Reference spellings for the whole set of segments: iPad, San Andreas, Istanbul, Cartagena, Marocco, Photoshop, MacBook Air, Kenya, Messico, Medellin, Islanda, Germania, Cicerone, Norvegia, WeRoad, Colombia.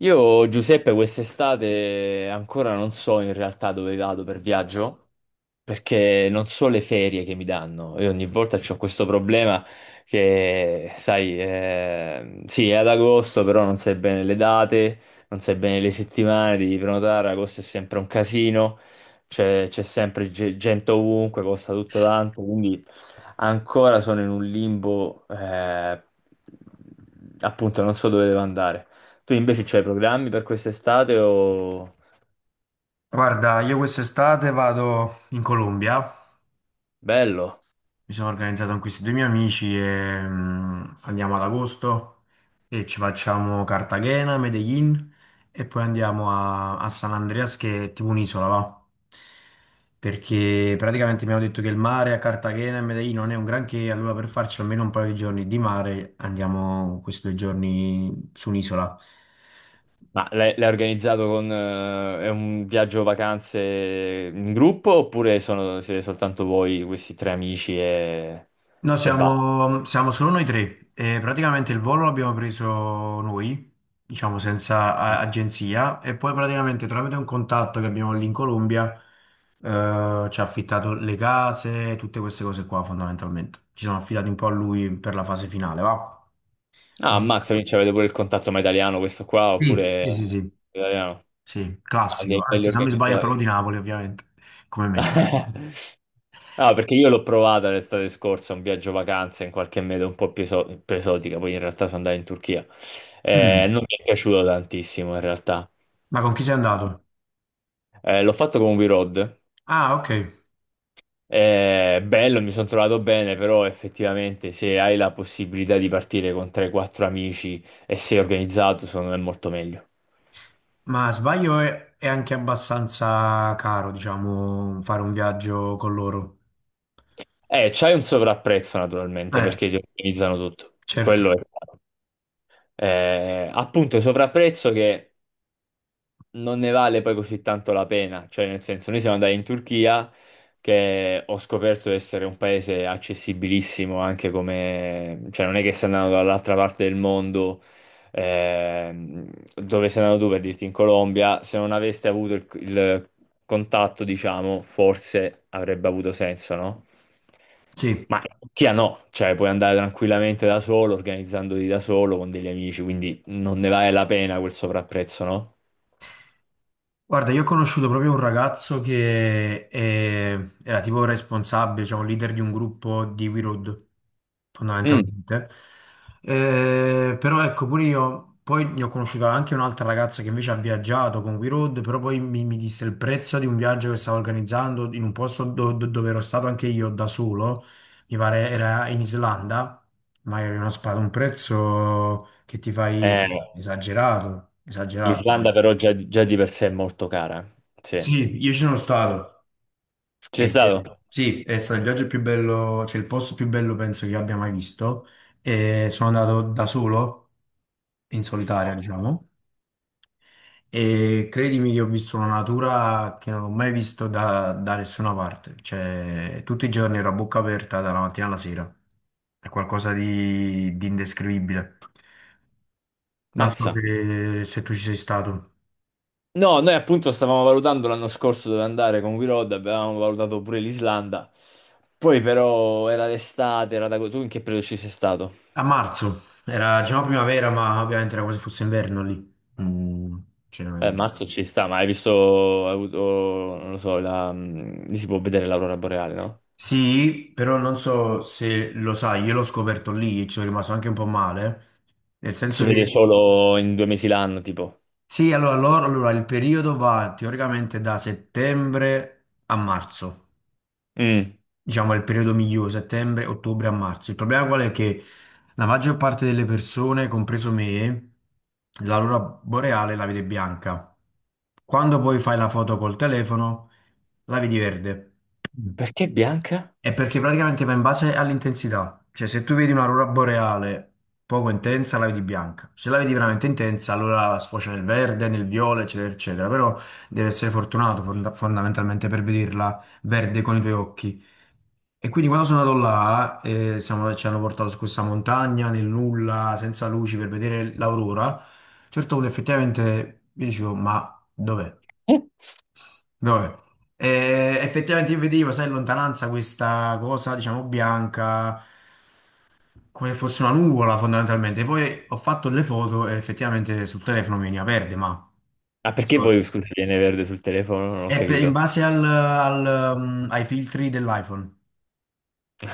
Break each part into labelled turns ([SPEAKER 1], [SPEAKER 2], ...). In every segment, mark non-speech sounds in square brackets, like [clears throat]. [SPEAKER 1] Io, Giuseppe, quest'estate ancora non so in realtà dove vado per viaggio, perché non so le ferie che mi danno e ogni volta c'ho questo problema che, sai, sì, è ad agosto, però non sai bene le date, non sai bene le settimane, devi prenotare, agosto è sempre un casino, c'è sempre gente ovunque, costa tutto tanto, quindi ancora sono in un limbo, appunto, non so dove devo andare. Tu invece c'hai programmi per quest'estate o...
[SPEAKER 2] Guarda, io quest'estate vado in Colombia,
[SPEAKER 1] Bello.
[SPEAKER 2] mi sono organizzato con questi due miei amici e andiamo ad agosto e ci facciamo Cartagena, Medellin e poi andiamo a San Andreas che è tipo un'isola, va? Perché praticamente abbiamo detto che il mare a Cartagena e Medellin non è un granché, allora per farci almeno un paio di giorni di mare andiamo questi due giorni su un'isola.
[SPEAKER 1] Ma l'hai organizzato con è un viaggio vacanze in gruppo oppure siete soltanto voi, questi tre amici e,
[SPEAKER 2] No,
[SPEAKER 1] e basta?
[SPEAKER 2] siamo, siamo solo noi tre e praticamente il volo l'abbiamo preso noi, diciamo senza agenzia, e poi praticamente tramite un contatto che abbiamo lì in Colombia ci ha affittato le case, tutte queste cose qua fondamentalmente. Ci siamo affidati un po' a lui per la fase finale, va?
[SPEAKER 1] Ah,
[SPEAKER 2] Ma-
[SPEAKER 1] ammazza, quindi avete pure il contatto, ma italiano questo qua
[SPEAKER 2] Sì,
[SPEAKER 1] oppure
[SPEAKER 2] sì, sì, sì,
[SPEAKER 1] italiano?
[SPEAKER 2] sì,
[SPEAKER 1] Ah,
[SPEAKER 2] classico,
[SPEAKER 1] siete belli
[SPEAKER 2] anzi se non mi sbaglio è
[SPEAKER 1] organizzati.
[SPEAKER 2] proprio di Napoli ovviamente, come me.
[SPEAKER 1] [laughs] No, perché io l'ho provata l'estate scorsa, un viaggio vacanze in qualche meta un po' più esotica, poi in realtà sono andato in Turchia.
[SPEAKER 2] Mm.
[SPEAKER 1] Non mi è piaciuto tantissimo in realtà.
[SPEAKER 2] Ma con chi sei andato?
[SPEAKER 1] L'ho fatto con WeRoad.
[SPEAKER 2] Ah, ok.
[SPEAKER 1] È bello, mi sono trovato bene, però effettivamente se hai la possibilità di partire con 3-4 amici e sei organizzato, secondo me è molto meglio.
[SPEAKER 2] Ma sbaglio è anche abbastanza caro, diciamo, fare un viaggio con loro.
[SPEAKER 1] C'hai un sovrapprezzo naturalmente
[SPEAKER 2] Eh,
[SPEAKER 1] perché ti organizzano tutto.
[SPEAKER 2] certo,
[SPEAKER 1] Quello è... Appunto, sovrapprezzo che non ne vale poi così tanto la pena, cioè nel senso noi siamo andati in Turchia che ho scoperto essere un paese accessibilissimo anche come, cioè non è che sei andato dall'altra parte del mondo, ehm, dove sei andato tu per dirti in Colombia, se non aveste avuto il contatto, diciamo, forse avrebbe avuto senso, no?
[SPEAKER 2] sì.
[SPEAKER 1] Ma in Turchia no, cioè puoi andare tranquillamente da solo, organizzandoti da solo con degli amici, quindi non ne vale la pena quel sovrapprezzo, no?
[SPEAKER 2] Guarda, io ho conosciuto proprio un ragazzo che era tipo responsabile, cioè un leader di un gruppo di WeRoad,
[SPEAKER 1] Mm.
[SPEAKER 2] fondamentalmente. Però ecco, pure io, poi ne ho conosciuto anche un'altra ragazza che invece ha viaggiato con WeRoad, però poi mi disse il prezzo di un viaggio che stavo organizzando in un posto dove ero stato anche io da solo, mi pare era in Islanda, ma era un prezzo che ti fai
[SPEAKER 1] Eh,
[SPEAKER 2] cioè, esagerato, esagerato.
[SPEAKER 1] l'Islanda però già, già di per sé è molto cara. Sì. Ci
[SPEAKER 2] Sì, io ci sono stato.
[SPEAKER 1] sei stato?
[SPEAKER 2] Sì, è stato il viaggio più bello, cioè il posto più bello penso che abbia mai visto. E sono andato da solo, in solitaria, diciamo. E credimi che ho visto una natura che non ho mai visto da nessuna parte. Cioè, tutti i giorni ero a bocca aperta dalla mattina alla sera. È qualcosa di indescrivibile. Non so
[SPEAKER 1] Mazza.
[SPEAKER 2] se tu ci sei stato.
[SPEAKER 1] No, noi appunto stavamo valutando l'anno scorso dove andare con We Road, avevamo valutato pure l'Islanda. Poi però era d'estate, era da... Tu in che periodo ci sei stato?
[SPEAKER 2] A marzo, era diciamo primavera, ma ovviamente era quasi fosse inverno lì. Mm, cioè.
[SPEAKER 1] Mazzo ci sta, ma hai visto, hai avuto, non lo so, la... Lì si può vedere l'aurora boreale, no?
[SPEAKER 2] Sì, però non so se lo sai, io l'ho scoperto lì e ci sono rimasto anche un po' male, nel
[SPEAKER 1] Si
[SPEAKER 2] senso
[SPEAKER 1] vede
[SPEAKER 2] che...
[SPEAKER 1] solo in 2 mesi l'anno, tipo.
[SPEAKER 2] Sì, allora, allora, il periodo va teoricamente da settembre a marzo,
[SPEAKER 1] Mm.
[SPEAKER 2] diciamo è il periodo migliore, settembre, ottobre a marzo. Il problema qual è che la maggior parte delle persone, compreso me, l'aurora boreale la vede bianca. Quando poi fai la foto col telefono, la vedi verde. Mm.
[SPEAKER 1] Perché bianca?
[SPEAKER 2] È perché praticamente va in base all'intensità. Cioè, se tu vedi un'aurora boreale poco intensa, la vedi bianca. Se la vedi veramente intensa, allora sfocia nel verde, nel viola, eccetera, eccetera. Però devi essere fortunato fondamentalmente per vederla verde con i tuoi occhi. E quindi quando sono andato là, ci hanno portato su questa montagna, nel nulla, senza luci, per vedere l'aurora. A un certo punto effettivamente io dicevo, ma dov'è?
[SPEAKER 1] Eh?
[SPEAKER 2] Dove? Effettivamente io vedevo, sai, in lontananza questa cosa, diciamo, bianca, come fosse una nuvola fondamentalmente. Poi ho fatto le foto e effettivamente sul telefono veniva verde, ma
[SPEAKER 1] Ah, perché
[SPEAKER 2] insomma,
[SPEAKER 1] poi, scusa, viene verde sul telefono? Non ho
[SPEAKER 2] è in
[SPEAKER 1] capito.
[SPEAKER 2] base al, ai filtri dell'iPhone.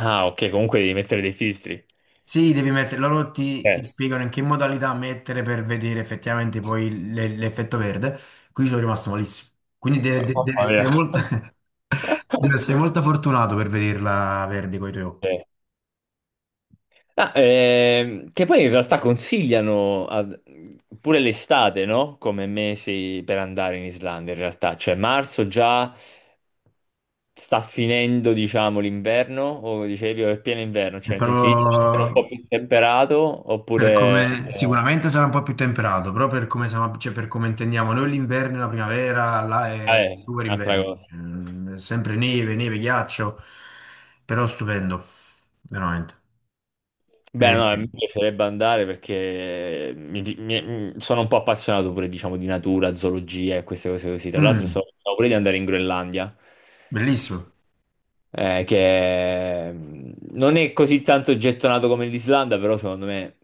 [SPEAKER 1] Ah, ok, comunque devi mettere dei filtri.
[SPEAKER 2] Sì, devi mettere, loro ti
[SPEAKER 1] Eh,
[SPEAKER 2] spiegano in che modalità mettere per vedere effettivamente poi l'effetto verde. Qui sono rimasto malissimo. Quindi deve
[SPEAKER 1] mamma mia.
[SPEAKER 2] essere molto, [laughs] deve essere
[SPEAKER 1] [laughs]
[SPEAKER 2] molto fortunato per vederla verde con i tuoi occhi.
[SPEAKER 1] Eh. Ah, che poi in realtà consigliano pure l'estate, no? Come mesi per andare in Islanda, in realtà. Cioè, marzo già sta finendo, diciamo, l'inverno, o dicevi, o è pieno inverno,
[SPEAKER 2] È
[SPEAKER 1] cioè nel senso inizia a essere un
[SPEAKER 2] proprio
[SPEAKER 1] po' più temperato,
[SPEAKER 2] per come
[SPEAKER 1] oppure no.
[SPEAKER 2] sicuramente sarà un po' più temperato, però per come, cioè, per come intendiamo noi l'inverno e la primavera, là è super
[SPEAKER 1] Un'altra
[SPEAKER 2] inverno.
[SPEAKER 1] cosa.
[SPEAKER 2] Cioè, è sempre neve, neve, ghiaccio, però stupendo, veramente.
[SPEAKER 1] Beh, no, mi
[SPEAKER 2] E-
[SPEAKER 1] piacerebbe andare perché sono un po' appassionato pure, diciamo, di natura, zoologia e queste cose così. Tra l'altro,
[SPEAKER 2] mm,
[SPEAKER 1] stavo pure di andare in Groenlandia,
[SPEAKER 2] bellissimo.
[SPEAKER 1] che non è così tanto gettonato come l'Islanda, però secondo me,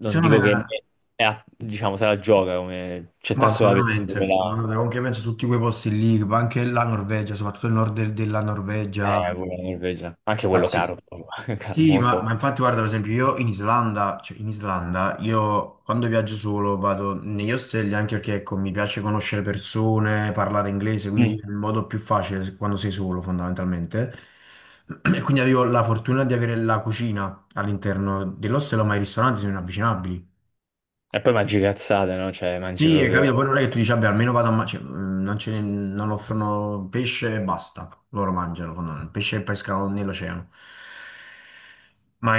[SPEAKER 1] non
[SPEAKER 2] Secondo me, è
[SPEAKER 1] dico che diciamo, se la gioca, come c'è
[SPEAKER 2] ma
[SPEAKER 1] tanto da vedere.
[SPEAKER 2] assolutamente, guarda, anche penso a tutti quei posti lì, ma anche la Norvegia, soprattutto il nord della Norvegia,
[SPEAKER 1] Pure la Norvegia. Anche quello
[SPEAKER 2] pazzesco.
[SPEAKER 1] caro, proprio, [laughs] caro
[SPEAKER 2] Sì, ma
[SPEAKER 1] molto.
[SPEAKER 2] infatti guarda, per esempio io in Islanda, cioè in Islanda, io quando viaggio solo vado negli ostelli anche perché ecco, mi piace conoscere persone, parlare inglese, quindi è
[SPEAKER 1] Mm.
[SPEAKER 2] il modo più facile quando sei solo fondamentalmente. [clears throat] E quindi avevo la fortuna di avere la cucina all'interno dell'ostello, ma i ristoranti sono inavvicinabili.
[SPEAKER 1] E poi mangi cazzate, no? Cioè, mangi
[SPEAKER 2] Sì, hai
[SPEAKER 1] proprio.
[SPEAKER 2] capito, poi non è che tu dici, vabbè, almeno vado a mangiare, non, non offrono pesce e basta, loro mangiano, fondamentalmente, pesce e pescano nell'oceano, ma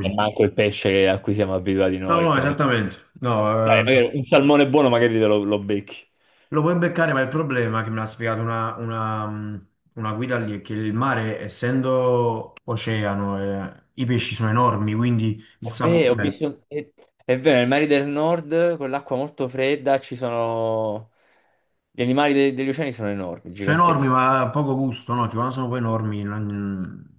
[SPEAKER 1] E manco il pesce a cui siamo abituati
[SPEAKER 2] No,
[SPEAKER 1] noi.
[SPEAKER 2] no,
[SPEAKER 1] Che ne-
[SPEAKER 2] esattamente. No,
[SPEAKER 1] Dai, magari un salmone buono magari te lo, lo becchi.
[SPEAKER 2] lo puoi beccare, ma il problema che me l'ha spiegato una guida lì è che il mare, essendo oceano, i pesci sono enormi, quindi il
[SPEAKER 1] È vero,
[SPEAKER 2] sapore
[SPEAKER 1] è vero, nei mari del nord, con l'acqua molto fredda, ci sono... Gli animali degli oceani sono enormi,
[SPEAKER 2] sono enormi,
[SPEAKER 1] giganteschi.
[SPEAKER 2] ma poco gusto, no? Che quando sono poi enormi. Mm.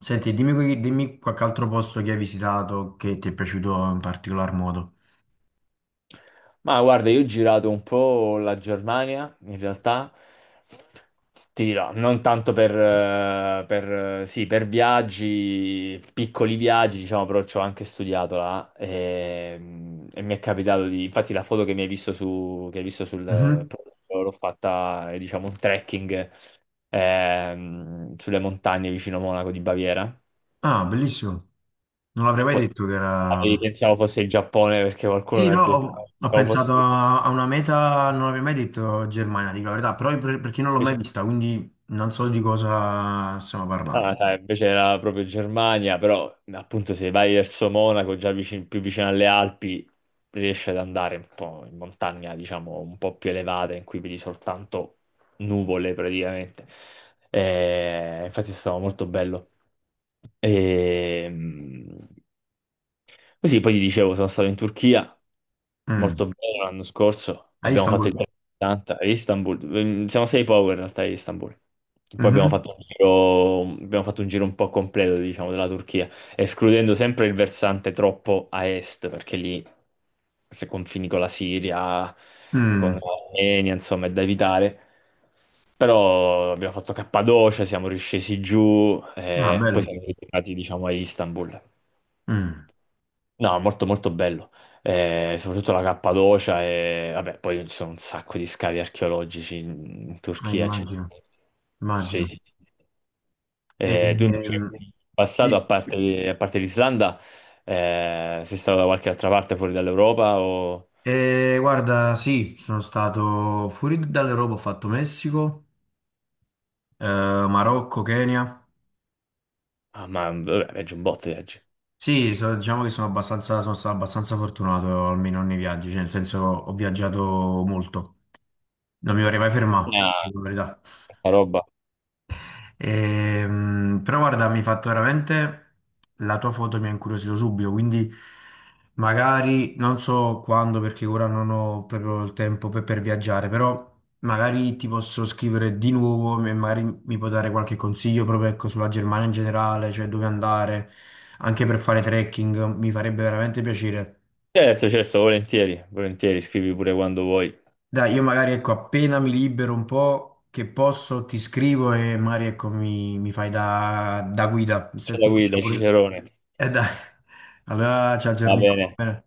[SPEAKER 2] Senti, dimmi, dimmi qualche altro posto che hai visitato che ti è piaciuto in particolar modo.
[SPEAKER 1] Ma guarda, io ho girato un po' la Germania, in realtà, ti dirò, non tanto per, sì, per viaggi, piccoli viaggi, diciamo, però ci ho anche studiato là e mi è capitato di, infatti la foto che hai visto sul
[SPEAKER 2] Mhm.
[SPEAKER 1] profilo, l'ho fatta, diciamo, un trekking sulle montagne vicino Monaco di Baviera.
[SPEAKER 2] Ah, bellissimo. Non l'avrei mai
[SPEAKER 1] Po-
[SPEAKER 2] detto che era.
[SPEAKER 1] Pensavo fosse il Giappone perché qualcuno
[SPEAKER 2] Sì,
[SPEAKER 1] mi ha
[SPEAKER 2] no,
[SPEAKER 1] detto,
[SPEAKER 2] ho
[SPEAKER 1] pensavo
[SPEAKER 2] pensato
[SPEAKER 1] fosse...
[SPEAKER 2] a una meta, non avrei mai detto Germania, dico la verità, però perché non l'ho mai vista, quindi non so di cosa stiamo parlando.
[SPEAKER 1] Ah, dai, invece era proprio Germania, però appunto se vai verso Monaco, già più vicino alle Alpi, riesci ad andare un po' in montagna, diciamo, un po' più elevata, in cui vedi soltanto nuvole praticamente. Infatti è stato molto bello. E, così poi ti dicevo, sono stato in Turchia.
[SPEAKER 2] Mm.
[SPEAKER 1] Molto bene l'anno scorso,
[SPEAKER 2] A
[SPEAKER 1] abbiamo fatto il
[SPEAKER 2] Istanbul?
[SPEAKER 1] giro di 80 a Istanbul. Siamo sei power in realtà a Istanbul. Poi abbiamo
[SPEAKER 2] Mhm.
[SPEAKER 1] fatto un giro, abbiamo fatto un giro un po' completo, diciamo, della Turchia, escludendo sempre il versante troppo a est, perché lì se confini con la Siria, con
[SPEAKER 2] Mm.
[SPEAKER 1] l'Armenia, insomma, è da evitare. Però abbiamo fatto Cappadocia, siamo riscesi giù
[SPEAKER 2] Ah,
[SPEAKER 1] e poi
[SPEAKER 2] bello.
[SPEAKER 1] siamo ritornati, diciamo, a Istanbul.
[SPEAKER 2] Mm.
[SPEAKER 1] No, molto molto bello. Soprattutto la Cappadocia e vabbè, poi ci sono un sacco di scavi archeologici in, in
[SPEAKER 2] Ah,
[SPEAKER 1] Turchia, c'è-
[SPEAKER 2] immagino,
[SPEAKER 1] Sì,
[SPEAKER 2] immagino.
[SPEAKER 1] sì, sì.
[SPEAKER 2] E,
[SPEAKER 1] Tu invece,
[SPEAKER 2] ehm,
[SPEAKER 1] in passato,
[SPEAKER 2] di-
[SPEAKER 1] a parte l'Islanda, sei stato da qualche altra parte fuori dall'Europa o...
[SPEAKER 2] guarda, sì, sono stato fuori dall'Europa, ho fatto Messico, eh, Marocco, Kenya.
[SPEAKER 1] Ah, ma vabbè, viaggi un botto, viaggi.
[SPEAKER 2] Sì, diciamo che sono abbastanza, sono stato abbastanza fortunato almeno nei viaggi, cioè nel senso ho viaggiato molto. Non mi vorrei mai fermato,
[SPEAKER 1] Ah,
[SPEAKER 2] dico la verità.
[SPEAKER 1] tanta roba.
[SPEAKER 2] Però guarda, mi hai fatto veramente... La tua foto mi ha incuriosito subito, quindi magari non so quando, perché ora non ho proprio il tempo per viaggiare, però magari ti posso scrivere di nuovo e magari mi puoi dare qualche consiglio proprio ecco, sulla Germania in generale, cioè dove andare, anche per fare trekking, mi farebbe veramente piacere.
[SPEAKER 1] Certo, certo, volentieri, volentieri, scrivi pure quando vuoi.
[SPEAKER 2] Dai, io magari ecco, appena mi libero un po', che posso, ti scrivo e magari ecco, mi fai da guida. Visto che
[SPEAKER 1] C'è la
[SPEAKER 2] comunque c'è
[SPEAKER 1] guida,
[SPEAKER 2] pure...
[SPEAKER 1] Cicerone.
[SPEAKER 2] Dai,
[SPEAKER 1] [laughs]
[SPEAKER 2] allora ci
[SPEAKER 1] Va
[SPEAKER 2] aggiorniamo.
[SPEAKER 1] bene.
[SPEAKER 2] Va bene?